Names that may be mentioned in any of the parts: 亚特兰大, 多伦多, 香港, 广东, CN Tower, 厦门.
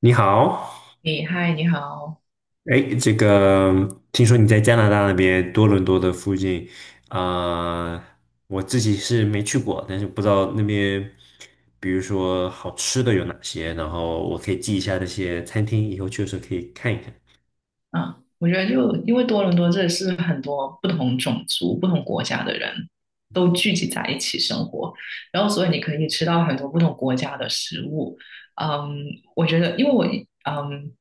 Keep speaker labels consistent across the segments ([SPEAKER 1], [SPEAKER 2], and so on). [SPEAKER 1] 你好，
[SPEAKER 2] 你好。
[SPEAKER 1] 哎，这个听说你在加拿大那边多伦多的附近，啊、我自己是没去过，但是不知道那边，比如说好吃的有哪些，然后我可以记一下那些餐厅，以后去的时候可以看一看。
[SPEAKER 2] 嗯，我觉得就因为多伦多这里是很多不同种族、不同国家的人都聚集在一起生活，然后所以你可以吃到很多不同国家的食物。嗯，我觉得，因为嗯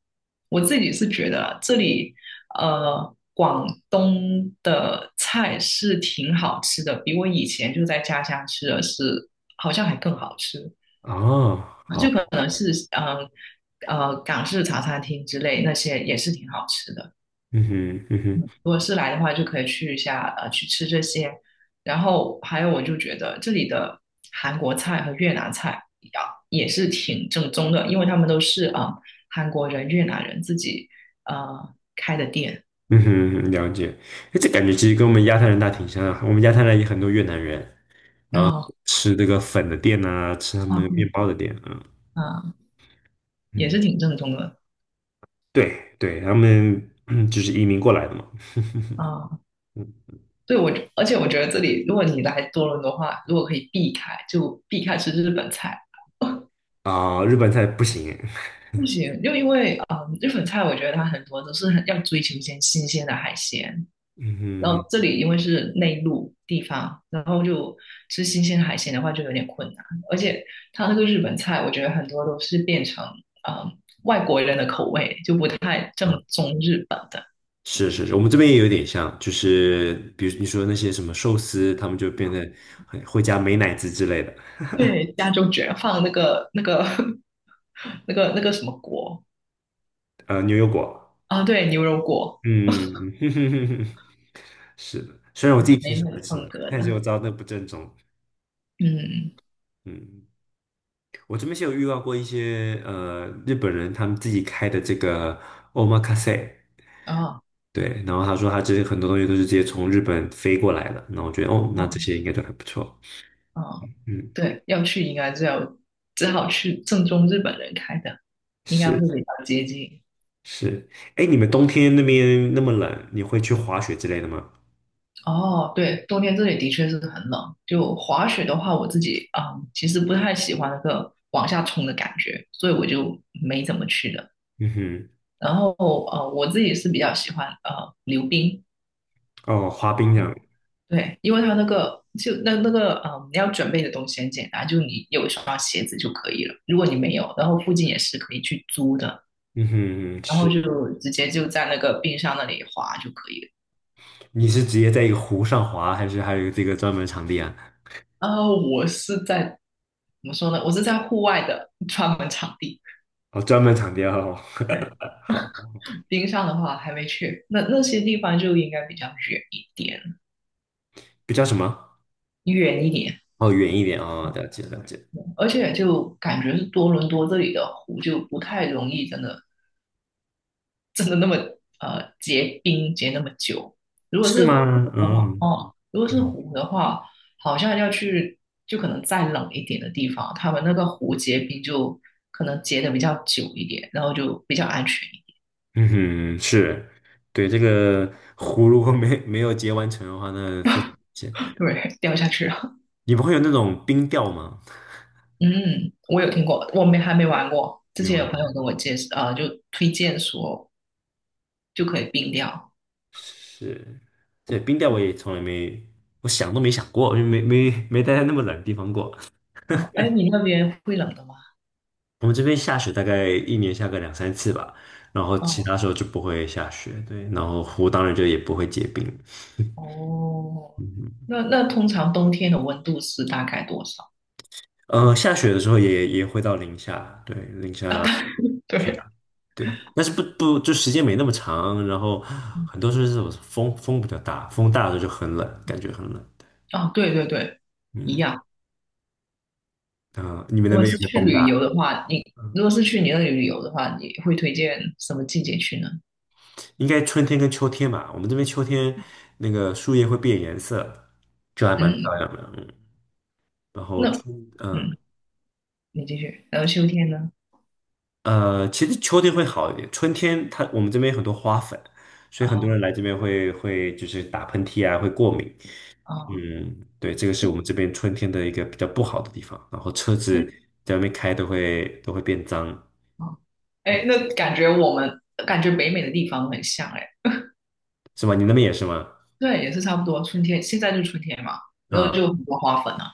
[SPEAKER 2] 我自己是觉得啊这里广东的菜是挺好吃的，比我以前就在家乡吃的是好像还更好吃。
[SPEAKER 1] 哦，
[SPEAKER 2] 啊，就可
[SPEAKER 1] 好，
[SPEAKER 2] 能是港式茶餐厅之类那些也是挺好吃的。
[SPEAKER 1] 嗯哼，嗯哼，
[SPEAKER 2] 如果是来的话，就可以去一下去吃这些。然后还有，我就觉得这里的韩国菜和越南菜啊也是挺正宗的，因为他们都是韩国人、越南人自己开的店。
[SPEAKER 1] 嗯哼，了解。哎，这感觉其实跟我们亚太人大挺像的，我们亚太人也很多越南人
[SPEAKER 2] 然后
[SPEAKER 1] 吃这个粉的店啊，吃他们
[SPEAKER 2] 啊
[SPEAKER 1] 那个面
[SPEAKER 2] 对
[SPEAKER 1] 包的店啊，
[SPEAKER 2] 啊、也是
[SPEAKER 1] 嗯
[SPEAKER 2] 挺正宗的
[SPEAKER 1] 对对，他们 就是移民过来的嘛，
[SPEAKER 2] 啊。
[SPEAKER 1] 嗯
[SPEAKER 2] 对我，而且我觉得这里，如果你来多伦多的话，如果可以避开，就避开吃日本菜。
[SPEAKER 1] 啊、日本菜不行，
[SPEAKER 2] 不行，就因为日本菜我觉得它很多都是很要追求一些新鲜的海鲜，然后
[SPEAKER 1] 嗯
[SPEAKER 2] 这里因为是内陆地方，然后就吃新鲜海鲜的话就有点困难，而且它那个日本菜我觉得很多都是变成嗯外国人的口味，就不太
[SPEAKER 1] 啊，
[SPEAKER 2] 正宗日本的。
[SPEAKER 1] 是是是，我们这边也有点像，就是比如你说那些什么寿司，他们就变得很会加美乃滋之类的，
[SPEAKER 2] 对，加州卷放那个那个 那个那个什么锅
[SPEAKER 1] 牛油果，
[SPEAKER 2] 啊，对，牛油果，
[SPEAKER 1] 嗯，是的，虽然我自己
[SPEAKER 2] 很
[SPEAKER 1] 挺
[SPEAKER 2] 美
[SPEAKER 1] 喜
[SPEAKER 2] 美
[SPEAKER 1] 欢
[SPEAKER 2] 的
[SPEAKER 1] 吃
[SPEAKER 2] 风
[SPEAKER 1] 的，
[SPEAKER 2] 格
[SPEAKER 1] 但是
[SPEAKER 2] 的，
[SPEAKER 1] 我知道那不正宗，
[SPEAKER 2] 嗯，
[SPEAKER 1] 嗯，我这边是有遇到过一些日本人他们自己开的这个 omakase。
[SPEAKER 2] 哦
[SPEAKER 1] 对，然后他说他这些很多东西都是直接从日本飞过来的，那我觉得哦，那这
[SPEAKER 2] 哦。
[SPEAKER 1] 些应该都还不错。
[SPEAKER 2] 嗯，
[SPEAKER 1] 嗯，
[SPEAKER 2] 对，要去应该就要只好去正宗日本人开的，应该会
[SPEAKER 1] 是
[SPEAKER 2] 比较接近。
[SPEAKER 1] 是，哎，你们冬天那边那么冷，你会去滑雪之类的吗？
[SPEAKER 2] 哦，对，冬天这里的确是很冷。就滑雪的话，我自己啊，其实不太喜欢那个往下冲的感觉，所以我就没怎么去的。
[SPEAKER 1] 嗯哼，
[SPEAKER 2] 然后我自己是比较喜欢溜冰，
[SPEAKER 1] 哦，滑冰这样，
[SPEAKER 2] 对，因为它那个就你要准备的东西很简单，就你有一双鞋子就可以了。如果你没有，然后附近也是可以去租的。
[SPEAKER 1] 嗯哼，嗯
[SPEAKER 2] 然后就
[SPEAKER 1] 是，
[SPEAKER 2] 直接就在那个冰箱那里滑就可以了。
[SPEAKER 1] 你是直接在一个湖上滑，还是还有这个专门场地啊？
[SPEAKER 2] 然后我是在怎么说呢？我是在户外的专门场地。
[SPEAKER 1] 哦，专门场地哦，
[SPEAKER 2] 对，
[SPEAKER 1] 好，
[SPEAKER 2] 冰上的话还没去，那些地方就应该比较远一点，
[SPEAKER 1] 比较什么？
[SPEAKER 2] 远一点。嗯
[SPEAKER 1] 哦，远一点哦，了解了解，
[SPEAKER 2] 而且就感觉是多伦多这里的湖就不太容易，真的真的那么结冰结那么久。如果
[SPEAKER 1] 是
[SPEAKER 2] 是湖
[SPEAKER 1] 吗？
[SPEAKER 2] 的话，
[SPEAKER 1] 嗯
[SPEAKER 2] 如果是
[SPEAKER 1] 嗯
[SPEAKER 2] 湖的话，好像要去就可能再冷一点的地方，他们那个湖结冰就可能结的比较久一点，然后就比较安全一点。
[SPEAKER 1] 嗯哼，是，对，这个 湖如果没有结完成的话，那非常危险。
[SPEAKER 2] 对，掉下去了。
[SPEAKER 1] 你不会有那种冰钓吗？
[SPEAKER 2] 嗯，我有听过，我没还没玩过。之
[SPEAKER 1] 没
[SPEAKER 2] 前有
[SPEAKER 1] 玩
[SPEAKER 2] 朋
[SPEAKER 1] 过
[SPEAKER 2] 友跟我介绍，就推荐说就可以冰掉。
[SPEAKER 1] 是，对，冰钓我也从来没，我想都没想过，就没待在那么冷的地方过。
[SPEAKER 2] 啊，哎，你那边会冷的吗？
[SPEAKER 1] 我们这边下雪大概一年下个两三次吧，然后其
[SPEAKER 2] 哦
[SPEAKER 1] 他时候就不会下雪，对，然后湖当然就也不会结冰。
[SPEAKER 2] 哦，
[SPEAKER 1] 嗯
[SPEAKER 2] 那通常冬天的温度是大概多少？
[SPEAKER 1] 哼，下雪的时候也会到零下，对，零下。
[SPEAKER 2] 对，
[SPEAKER 1] 对，但是不就时间没那么长，然后很多时候是这种风比较大，风大的时候就很冷，感觉很冷。
[SPEAKER 2] 啊，对对对，一
[SPEAKER 1] 嗯
[SPEAKER 2] 样。
[SPEAKER 1] 啊、你们
[SPEAKER 2] 如
[SPEAKER 1] 那
[SPEAKER 2] 果
[SPEAKER 1] 边有
[SPEAKER 2] 是
[SPEAKER 1] 没有
[SPEAKER 2] 去
[SPEAKER 1] 风
[SPEAKER 2] 旅游的
[SPEAKER 1] 大？
[SPEAKER 2] 话，
[SPEAKER 1] 嗯
[SPEAKER 2] 如果是去你那里旅游的话，你会推荐什么季节去呢？
[SPEAKER 1] 应该春天跟秋天吧。我们这边秋天那个树叶会变颜色，就还蛮
[SPEAKER 2] 嗯，
[SPEAKER 1] 漂亮的。嗯，然后
[SPEAKER 2] 那嗯，你继续。然后秋天呢？
[SPEAKER 1] 其实秋天会好一点，春天它我们这边有很多花粉，所以很多人来
[SPEAKER 2] 啊
[SPEAKER 1] 这边会就是打喷嚏啊，会过敏。
[SPEAKER 2] 啊
[SPEAKER 1] 嗯，对，这个是我们这边春天的一个比较不好的地方，然后车子在外面开都会变脏，
[SPEAKER 2] 啊！哎，
[SPEAKER 1] 嗯，
[SPEAKER 2] 那感觉我们感觉北美的地方很像哎，
[SPEAKER 1] 是吗？你那边也是吗？
[SPEAKER 2] 对，也是差不多。春天现在就春天嘛，然后
[SPEAKER 1] 嗯
[SPEAKER 2] 就很多花粉啊，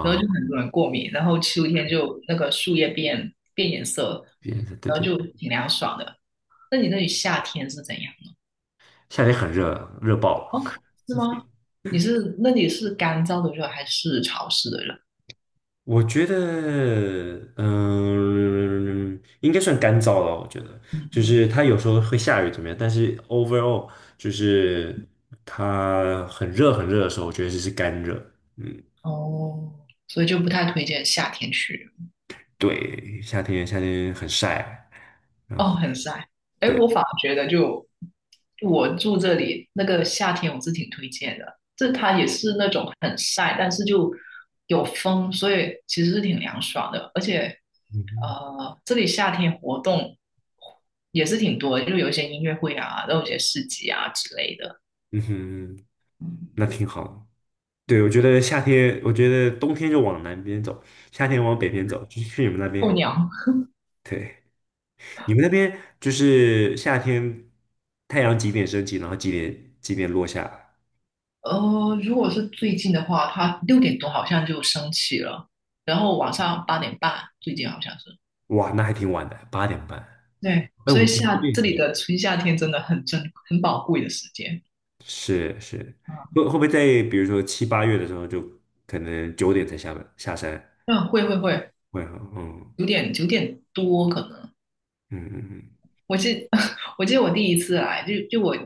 [SPEAKER 2] 然后就
[SPEAKER 1] 哦
[SPEAKER 2] 很多人过敏，然后秋天就那个树叶变颜色，
[SPEAKER 1] 别的，对
[SPEAKER 2] 然后
[SPEAKER 1] 对，
[SPEAKER 2] 就挺凉爽的。那你那里夏天是怎样？
[SPEAKER 1] 夏天很热，热爆了。
[SPEAKER 2] 哦，是吗？那里是干燥的热还是潮湿的热？
[SPEAKER 1] 我觉得，应该算干燥了。我觉得，就
[SPEAKER 2] 嗯，
[SPEAKER 1] 是它有时候会下雨怎么样，但是 overall 就是它很热很热的时候，我觉得这是干热。嗯，
[SPEAKER 2] 哦，所以就不太推荐夏天去。
[SPEAKER 1] 对，夏天很晒，然
[SPEAKER 2] 哦，
[SPEAKER 1] 后。
[SPEAKER 2] 很晒。哎，
[SPEAKER 1] 对。
[SPEAKER 2] 我反而觉得就我住这里那个夏天，我是挺推荐的。这它也是那种很晒，但是就有风，所以其实是挺凉爽的。而且，
[SPEAKER 1] 嗯
[SPEAKER 2] 这里夏天活动也是挺多的就有一些音乐会啊，然后有一些市集啊之类的。
[SPEAKER 1] 嗯哼，
[SPEAKER 2] 嗯，
[SPEAKER 1] 那挺好的对，我觉得夏天，我觉得冬天就往南边走，夏天往北边走，就是去你们那边
[SPEAKER 2] 候
[SPEAKER 1] 还不
[SPEAKER 2] 鸟。
[SPEAKER 1] 对。你们那边就是夏天，太阳几点升起，然后几点落下？
[SPEAKER 2] 如果是最近的话，它6点多好像就升起了，然后晚上8点半，最近好像是。
[SPEAKER 1] 哇，那还挺晚的，8:30。
[SPEAKER 2] 对，
[SPEAKER 1] 哎，我
[SPEAKER 2] 所以
[SPEAKER 1] 们我们这边
[SPEAKER 2] 这
[SPEAKER 1] 也挺
[SPEAKER 2] 里
[SPEAKER 1] 晚。
[SPEAKER 2] 的春夏天真的很珍很宝贵的时间
[SPEAKER 1] 是是，
[SPEAKER 2] 啊。
[SPEAKER 1] 会不会在比如说七八月的时候，就可能9点才下班下山？
[SPEAKER 2] 嗯，会会会，
[SPEAKER 1] 会哈，嗯
[SPEAKER 2] 九点多可能。
[SPEAKER 1] 嗯嗯
[SPEAKER 2] 我记 我记得我第一次来，就我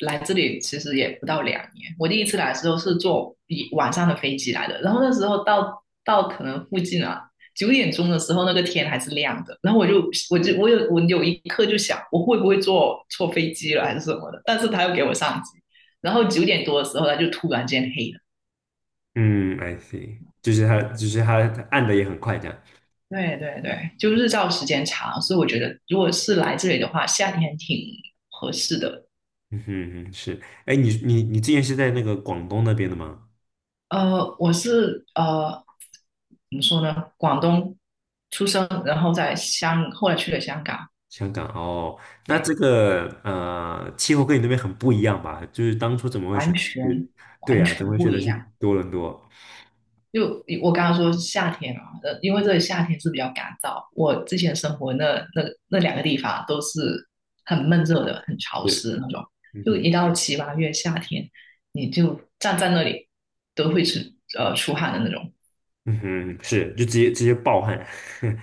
[SPEAKER 2] 来这里其实也不到2年。我第一次来的时候是坐一晚上的飞机来的，然后那时候到可能附近啊9点钟的时候，那个天还是亮的。然后我有一刻就想，我会不会坐错飞机了还是什么的？但是他又给我上机，然后九点多的时候他就突然间黑了。
[SPEAKER 1] 嗯嗯，I see，就是它暗的也很快这样。
[SPEAKER 2] 对对对，就日照时间长，所以我觉得如果是来这里的话，夏天挺合适的。
[SPEAKER 1] 嗯哼，嗯哼，是，哎，你之前是在那个广东那边的吗？
[SPEAKER 2] 我是怎么说呢？广东出生，然后后来去了香港，
[SPEAKER 1] 香港哦，那
[SPEAKER 2] 对，
[SPEAKER 1] 这个气候跟你那边很不一样吧？就是当初怎么会
[SPEAKER 2] 完
[SPEAKER 1] 选择
[SPEAKER 2] 全
[SPEAKER 1] 去？对
[SPEAKER 2] 完
[SPEAKER 1] 呀、怎么
[SPEAKER 2] 全
[SPEAKER 1] 会
[SPEAKER 2] 不
[SPEAKER 1] 选择
[SPEAKER 2] 一
[SPEAKER 1] 去
[SPEAKER 2] 样。
[SPEAKER 1] 多伦多？
[SPEAKER 2] 就我刚刚说夏天啊，因为这里夏天是比较干燥，我之前生活那那两个地方都是很闷热
[SPEAKER 1] 啊，
[SPEAKER 2] 的，很潮
[SPEAKER 1] 对，
[SPEAKER 2] 湿的那种。
[SPEAKER 1] 嗯
[SPEAKER 2] 就一
[SPEAKER 1] 哼，
[SPEAKER 2] 到七八月夏天，你就站在那里都会出汗的那种。
[SPEAKER 1] 嗯哼，是，就直接暴汗，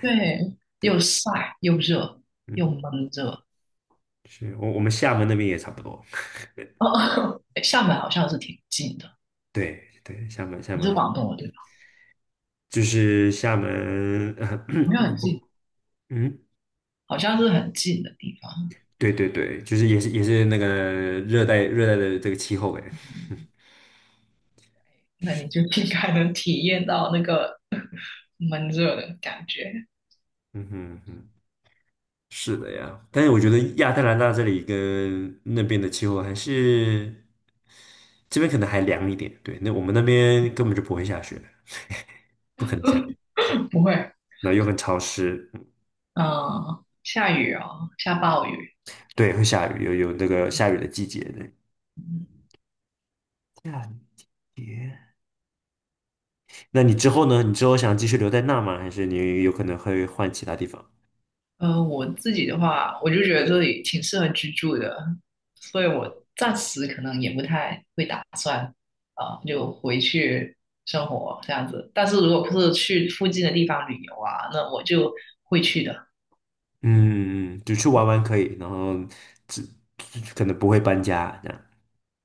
[SPEAKER 2] 对，又
[SPEAKER 1] 对，
[SPEAKER 2] 晒又热又
[SPEAKER 1] 嗯，
[SPEAKER 2] 闷热。
[SPEAKER 1] 是我们厦门那边也差不多，
[SPEAKER 2] 哦，厦门好像是挺近的，
[SPEAKER 1] 对对，厦门厦
[SPEAKER 2] 你是
[SPEAKER 1] 门
[SPEAKER 2] 广东的对吧？
[SPEAKER 1] 就是厦门，
[SPEAKER 2] 没有 很近，
[SPEAKER 1] 嗯，
[SPEAKER 2] 好像是很近的地方，
[SPEAKER 1] 对对对，就是也是那个热带的这个气候哎。
[SPEAKER 2] 那你就应该能体验到那个 闷热的感觉。
[SPEAKER 1] 嗯哼嗯哼，是的呀，但是我觉得亚特兰大这里跟那边的气候还是这边可能还凉一点，对，那我们那边根本就不会下雪，不可能下雪，
[SPEAKER 2] 不会。
[SPEAKER 1] 那又很潮湿，嗯
[SPEAKER 2] 嗯，下雨哦，下暴雨。
[SPEAKER 1] 对，会下雨，有那个下雨的季节的。下雨。那你之后呢？你之后想继续留在那吗？还是你有可能会换其他地方？
[SPEAKER 2] 我自己的话，我就觉得这里挺适合居住的，所以我暂时可能也不太会打算，啊、就回去生活这样子。但是如果不是去附近的地方旅游啊，那我就会去的。
[SPEAKER 1] 嗯，嗯，就去玩玩可以，然后只可能不会搬家这样。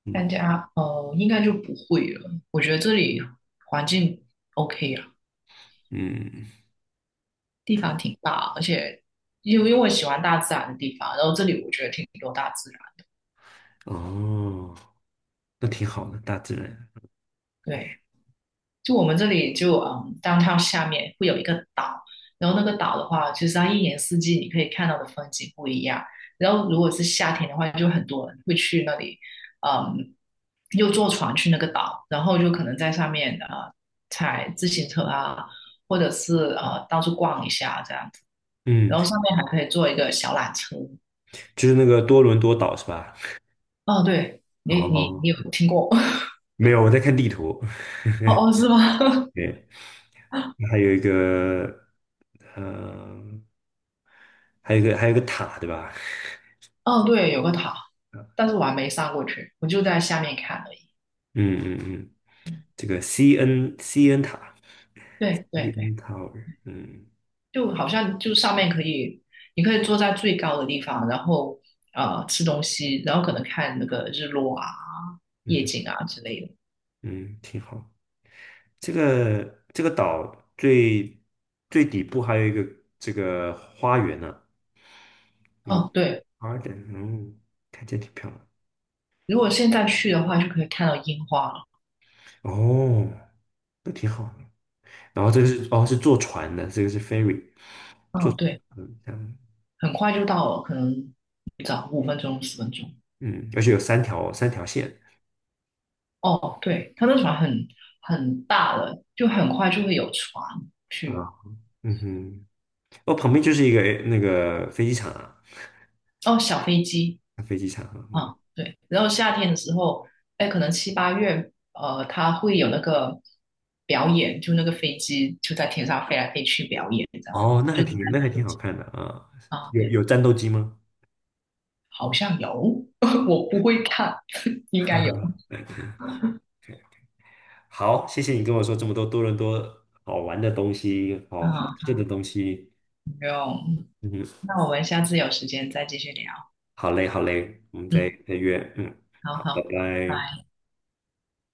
[SPEAKER 1] 嗯
[SPEAKER 2] 搬家，哦，应该就不会了。我觉得这里环境 OK 啊，
[SPEAKER 1] 嗯，
[SPEAKER 2] 地方挺大，而且因为我喜欢大自然的地方，然后这里我觉得挺多大自然。
[SPEAKER 1] 哦，那挺好的，大自然。
[SPEAKER 2] 对，就我们这里就downtown 下面会有一个岛，然后那个岛的话，其实它一年四季你可以看到的风景不一样。然后如果是夏天的话，就很多人会去那里，嗯，又坐船去那个岛，然后就可能在上面啊踩自行车啊，或者是到处逛一下这样子。
[SPEAKER 1] 嗯，
[SPEAKER 2] 然后上面还可以坐一个小缆车。
[SPEAKER 1] 就是那个多伦多岛是吧？
[SPEAKER 2] 哦，对，你
[SPEAKER 1] 哦，
[SPEAKER 2] 有听过？
[SPEAKER 1] 没有，我在看地图。
[SPEAKER 2] 哦 哦，是吗？
[SPEAKER 1] 对，还有一个，呃，还有一个塔，对吧？
[SPEAKER 2] 哦，对，有个塔，但是我还没上过去，我就在下面看而已。
[SPEAKER 1] 嗯嗯嗯，这个 CN CN 塔
[SPEAKER 2] 对对对，
[SPEAKER 1] ，CN Tower，嗯
[SPEAKER 2] 就好像就上面可以，你可以坐在最高的地方，然后吃东西，然后可能看那个日落啊、夜
[SPEAKER 1] 嗯
[SPEAKER 2] 景啊之类的。
[SPEAKER 1] 嗯，挺好。这个岛最最底部还有一个这个花园呢、一个
[SPEAKER 2] 哦，对，
[SPEAKER 1] garden，嗯，看起来挺漂亮。
[SPEAKER 2] 如果现在去的话，就可以看到樱花了。
[SPEAKER 1] 哦，那挺好。然后这个是坐船的，这个是 ferry，
[SPEAKER 2] 嗯，对，
[SPEAKER 1] 嗯，这样，
[SPEAKER 2] 很快就到了，可能早5分钟、10分钟。
[SPEAKER 1] 嗯，而且有三条线
[SPEAKER 2] 哦，对，它那船很很大的，就很快就会有船
[SPEAKER 1] 啊，
[SPEAKER 2] 去。
[SPEAKER 1] 嗯哼，哦，旁边就是一个那个飞机场啊，
[SPEAKER 2] 哦，小飞机。
[SPEAKER 1] 飞机场啊嗯，
[SPEAKER 2] 啊，对，然后夏天的时候，哎，可能七八月，它会有那个表演，就那个飞机就在天上飞来飞去表演，这样，
[SPEAKER 1] 哦，那还
[SPEAKER 2] 就是在
[SPEAKER 1] 挺那还
[SPEAKER 2] 那
[SPEAKER 1] 挺
[SPEAKER 2] 附
[SPEAKER 1] 好
[SPEAKER 2] 机
[SPEAKER 1] 看的啊，
[SPEAKER 2] 啊，
[SPEAKER 1] 有
[SPEAKER 2] 对，
[SPEAKER 1] 有战斗机吗？
[SPEAKER 2] 好像有，我不会看，应该有
[SPEAKER 1] 好，谢谢你跟我说这么多多伦多好玩的东西，好好
[SPEAKER 2] 啊，
[SPEAKER 1] 吃的东西，
[SPEAKER 2] 没有，嗯
[SPEAKER 1] 嗯哼，
[SPEAKER 2] 那我们下次有时间再继续聊，
[SPEAKER 1] 好嘞好嘞，我们再
[SPEAKER 2] 嗯，
[SPEAKER 1] 再约，嗯，
[SPEAKER 2] 好
[SPEAKER 1] 好，拜
[SPEAKER 2] 好，拜
[SPEAKER 1] 拜。
[SPEAKER 2] 拜。